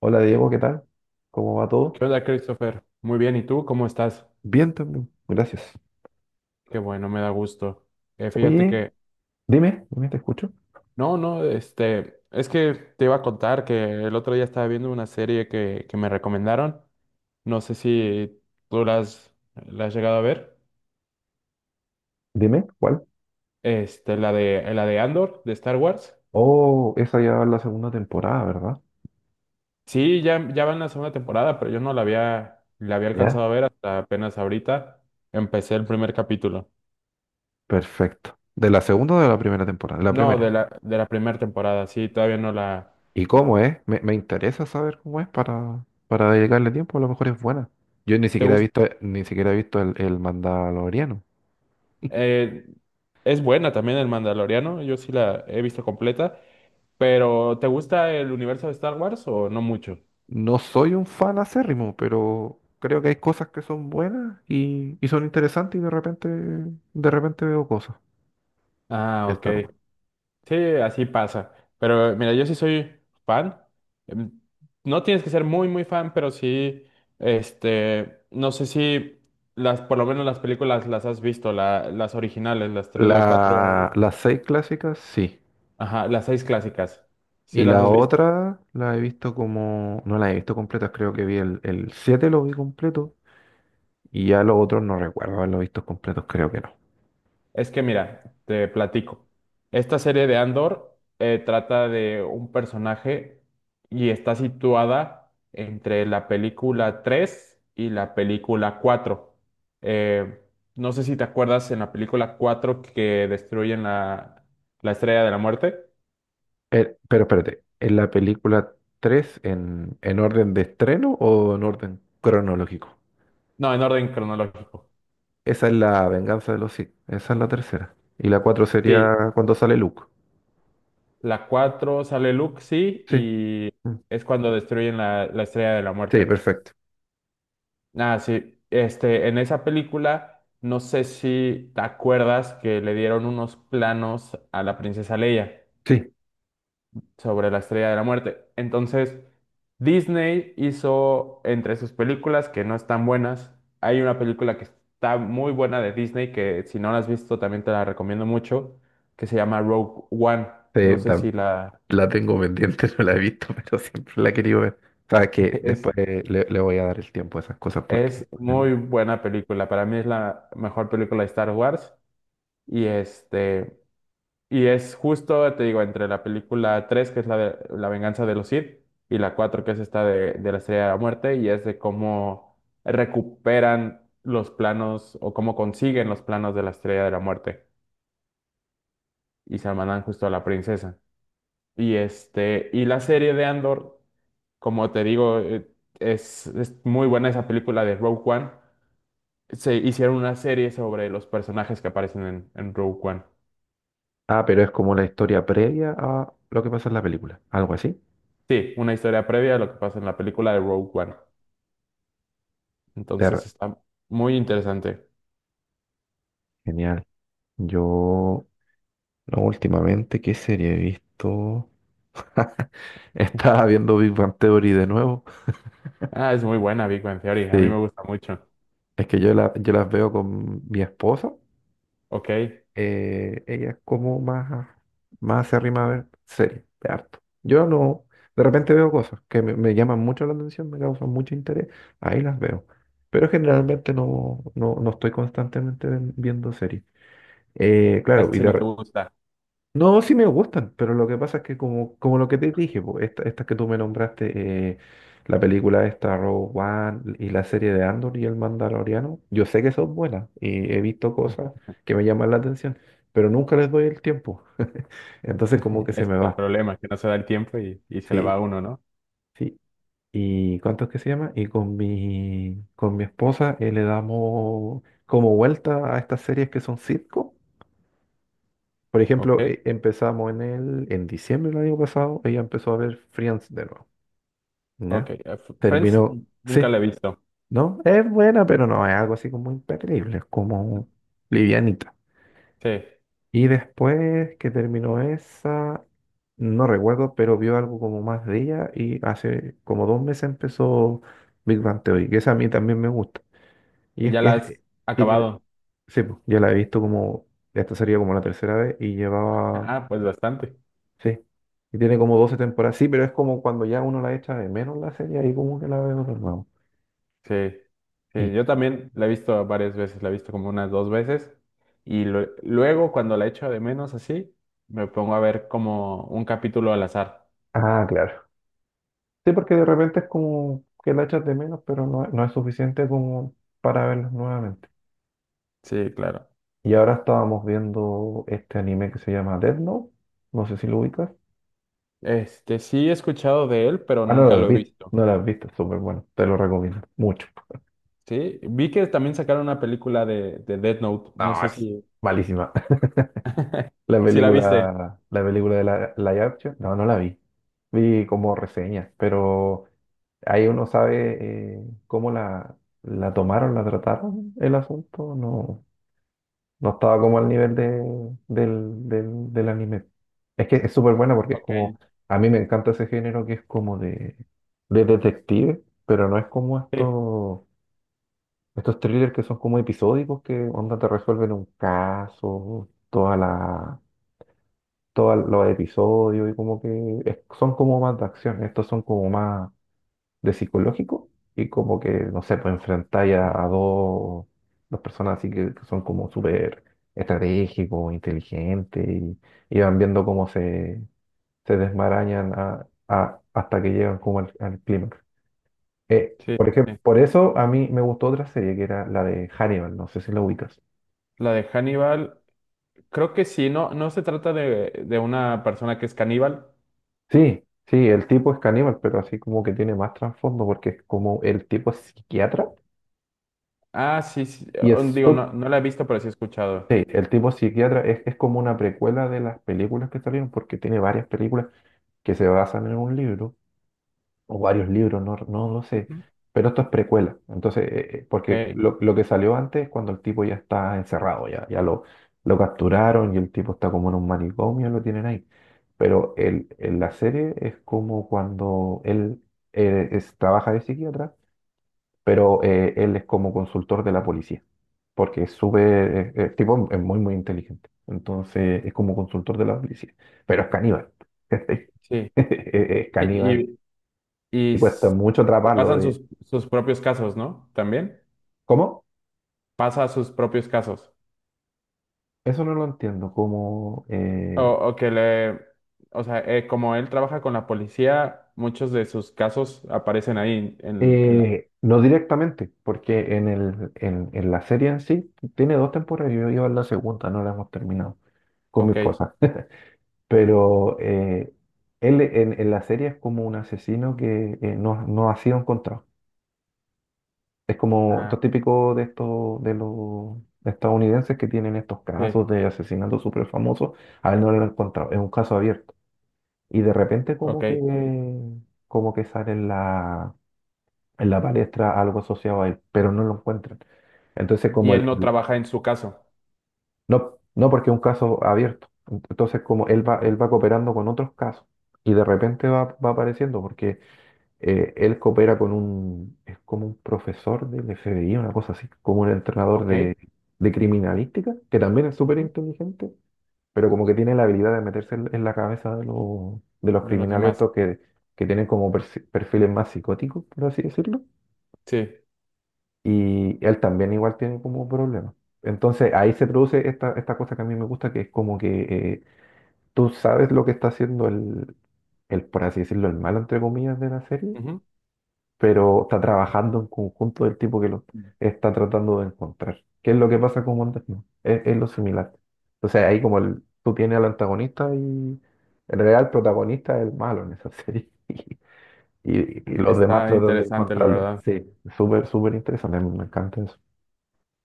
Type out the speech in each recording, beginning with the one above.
Hola Diego, ¿qué tal? ¿Cómo va todo? ¿Qué onda, Christopher? Muy bien, ¿y tú cómo estás? Bien también, gracias. Qué bueno, me da gusto. Fíjate Oye, que, dime, te escucho. no, no, este, es que te iba a contar que el otro día estaba viendo una serie que me recomendaron. No sé si tú la has llegado a ver. Dime, ¿cuál? Este, la de Andor, de Star Wars. Oh, esa ya va en la segunda temporada, ¿verdad? Sí, ya, ya va en la segunda temporada, pero yo no la había alcanzado Ya. a ver hasta apenas ahorita. Empecé el primer capítulo. Perfecto. ¿De la segunda o de la primera temporada? De la No, primera. de la primera temporada, sí, todavía no la. ¿Y cómo es? Me interesa saber cómo es para dedicarle tiempo, a lo mejor es buena. Yo ni ¿Te siquiera he gusta? visto, ni siquiera he visto el Mandaloriano. Eh, es buena también el Mandaloriano, yo sí la he visto completa, pero ¿te gusta el universo de Star Wars o no mucho? No soy un fan acérrimo, pero creo que hay cosas que son buenas y son interesantes y de repente veo cosas. Ah, Ya está ok. Wars. Sí, así pasa. Pero mira, yo sí soy fan. Em, No tienes que ser muy, muy fan, pero sí, este, no sé si por lo menos las películas las has visto, las originales, las tres, la cuatro, La, las seis clásicas, sí. ajá, las seis clásicas. Sí Y las la has visto. otra la he visto como... No la he visto completa, creo que vi el 7 lo vi completo. Y ya los otros no recuerdo haberlo visto completos, creo que no. Es que mira, te platico. Esta serie de Andor trata de un personaje y está situada entre la película 3 y la película 4. Eh, no sé si te acuerdas en la película 4 que destruyen la Estrella de la Muerte. Pero espérate, ¿en la película 3 en orden de estreno o en orden cronológico? No, en orden cronológico. Esa es la venganza de los Sith, esa es la tercera. Y la 4 Sí, sería cuando sale Luke. la 4 sale Luke, sí, Sí. y Mm. es cuando destruyen la Estrella de la Sí, Muerte. perfecto. Ah, sí. Este, en esa película, no sé si te acuerdas que le dieron unos planos a la princesa Leia Sí, sobre la Estrella de la Muerte. Entonces, Disney hizo entre sus películas que no están buenas. Hay una película que está muy buena de Disney que si no la has visto también te la recomiendo mucho, que se llama Rogue One. sí, No sé si la. la tengo pendiente, no la he visto, pero siempre la he querido ver. Sabes que Es, después le voy a dar el tiempo a esas cosas porque... es muy buena película. Para mí es la mejor película de Star Wars. Y este. Y es justo, te digo, entre la película 3 que es la de La venganza de los Sith, y la 4 que es esta de la Estrella de la Muerte, y es de cómo recuperan los planos o cómo consiguen los planos de la Estrella de la Muerte y se la mandan justo a la princesa. Y este, y la serie de Andor, como te digo, es muy buena esa película de Rogue One. Se hicieron una serie sobre los personajes que aparecen en Rogue One. Ah, pero es como la historia previa a lo que pasa en la película. Algo así. Sí, una historia previa a lo que pasa en la película de Rogue One. Ter- Entonces está muy interesante. Genial. Yo, no, últimamente, ¿qué serie he visto? Estaba viendo Big Bang Theory de nuevo. Ah, es muy buena Big Bang Theory. A mí Sí, me gusta mucho. es que yo, la, yo las veo con mi esposa, Ok, ella es como más acérrima a ver series de harto. Yo no, de repente veo cosas que me llaman mucho la atención, me causan mucho interés, ahí las veo. Pero generalmente no estoy constantemente viendo series. Claro, casi no te gusta. no, sí me gustan, pero lo que pasa es que como, como lo que te dije, po, estas que tú me nombraste, la película esta, Rogue One, y la serie de Andor y el Mandaloriano, yo sé que son buenas y he visto cosas que me llaman la atención, pero nunca les doy el tiempo. Entonces como que Ese se me es el va. problema, que no se da el tiempo y se le va Sí, a uno, ¿no? sí. ¿Y cuánto es que se llama? Y con mi esposa, le damos como vuelta a estas series que son sitcom. Por Ok, ejemplo, empezamos en en diciembre del año pasado, ella empezó a ver Friends de nuevo, ok. ¿ya? Friends Terminó, nunca sí, la he visto. ¿no? Es buena, pero no es algo así como imperdible, es como livianita. Sí, Y después que terminó esa, no recuerdo, pero vio algo como más de ella y hace como dos meses empezó Big Bang Theory, que esa a mí también me gusta. Y es, ya la has y tiene- acabado. sí, pues, ya la he visto como, esta sería como la tercera vez y llevaba. Ah, pues bastante. Sí. Y tiene como 12 temporadas. Sí, pero es como cuando ya uno la echa de menos la serie, ahí como que la veo de nuevo. Sí, Y, sí, yo también la he visto varias veces. La he visto como unas dos veces. Y luego, cuando la echo de menos así, me pongo a ver como un capítulo al azar. ah, claro. Sí, porque de repente es como que la echas de menos, pero no, no es suficiente como para verla nuevamente. Sí, claro. Y ahora estábamos viendo este anime que se llama Death Note. No sé si lo ubicas. Este, sí he escuchado de él, pero Ah, no nunca lo has lo he visto. visto. No lo has visto, es súper bueno. Te lo recomiendo mucho. Sí, vi que también sacaron una película de Death Note. No No, sé es si, malísima. Si la viste. La película de la live action, no, no la vi. Vi como reseñas, pero. Ahí uno sabe, cómo la tomaron, la trataron el asunto. No, no estaba como al nivel de, del anime. Es que es súper buena porque es Ok. como, a mí me encanta ese género que es como de detective, pero no es como Sí, estos, estos thrillers que son como episódicos que onda te resuelven un caso, toda la, todos los episodios y como que son como más de acción. Estos son como más de psicológico y como que, no sé, pues enfrentáis a dos personas así que son como súper estratégicos, inteligentes y van viendo cómo se, se desmarañan hasta que llegan como al, al clímax. Sí, Por ejemplo, sí. por eso a mí me gustó otra serie que era la de Hannibal, no sé si la ubicas. La de Hannibal, creo que sí, no, no se trata de una persona que es caníbal. Sí, sí, el tipo es caníbal, pero así como que tiene más trasfondo porque es como el tipo es psiquiatra Ah, sí, sí. y Oh, es digo, súper. no, no la he visto, pero sí he escuchado. Sí, el tipo psiquiatra es como una precuela de las películas que salieron, porque tiene varias películas que se basan en un libro, o varios libros, no, no lo sé, Ujú. pero esto es precuela. Entonces, Ok, porque lo que salió antes es cuando el tipo ya está encerrado, ya, lo capturaron y el tipo está como en un manicomio, lo tienen ahí. Pero el, en la serie es como cuando él trabaja de psiquiatra, pero él es como consultor de la policía, porque es súper, tipo, es muy inteligente. Entonces es como consultor de la policía, pero es caníbal. sí. Es Y, caníbal y, y y cuesta s- mucho y atraparlo pasan de... sus propios casos, ¿no? También ¿Cómo? pasa sus propios casos. Eso no lo entiendo, como... O, o que le, o sea, como él trabaja con la policía, muchos de sus casos aparecen ahí en la. No directamente, porque en la serie en sí tiene dos temporadas, yo iba en la segunda, no la hemos terminado con mi Ok, esposa. Pero él en la serie es como un asesino que, no, no ha sido encontrado. Es como ah, lo típico de estos de los estadounidenses que tienen estos sí, casos de asesinatos súper famosos. A él no lo han encontrado. Es un caso abierto. Y de repente ok. Como que sale en en la palestra algo asociado a él, pero no lo encuentran. Entonces Y como él no trabaja en su caso. no, no porque es un caso abierto. Entonces como Ok. él va cooperando con otros casos y de repente va apareciendo porque, él coopera con un, es como un profesor del FBI, una cosa así, como un entrenador Ok. De criminalística, que también es súper Ujú, inteligente, pero como que tiene la habilidad de meterse en la cabeza de los de los criminales demás. estos que tienen como perfiles más psicóticos, por así decirlo, Sí. y él también igual tiene como problemas. Entonces ahí se produce esta, esta cosa que a mí me gusta, que es como que, tú sabes lo que está haciendo el, por así decirlo, el malo, entre comillas, de la serie, Ujú. pero está trabajando en conjunto del tipo que lo está tratando de encontrar. ¿Qué es lo que pasa con Wonder Woman? Es lo similar. Entonces ahí como el, tú tienes al antagonista y en realidad el protagonista es el malo en esa serie. Y, y los demás Está tratan de interesante, la encontrarlo. verdad. Sí, súper, súper interesante. Me me encanta eso.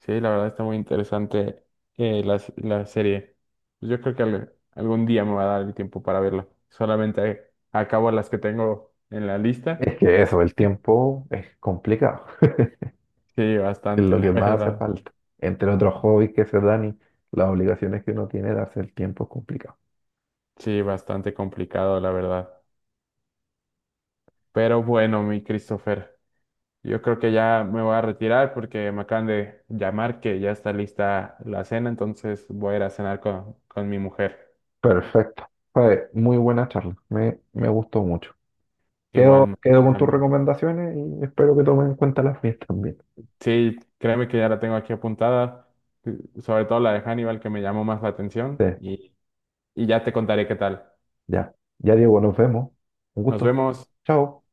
Sí, la verdad está muy interesante la serie. Pues yo creo que algún día me va a dar el tiempo para verla. Solamente acabo las que tengo en la lista. Es que eso, el tiempo es complicado. Sí, Es bastante, lo que la más hace verdad. falta. Entre otros hobbies que se dan y las obligaciones que uno tiene, darse el tiempo es complicado. Sí, bastante complicado, la verdad. Pero bueno, mi Christopher, yo creo que ya me voy a retirar porque me acaban de llamar que ya está lista la cena, entonces voy a ir a cenar con mi mujer. Perfecto. Fue muy buena charla. Me gustó mucho. Igual, Quedo, quedo igual con a tus mí. recomendaciones y espero que tomen en cuenta las mías también. Sí, créeme que ya la tengo aquí apuntada, sobre todo la de Hannibal que me llamó más la Sí, atención y ya te contaré qué tal. ya. Ya, Diego, nos vemos. Un Nos gusto. vemos. Chao.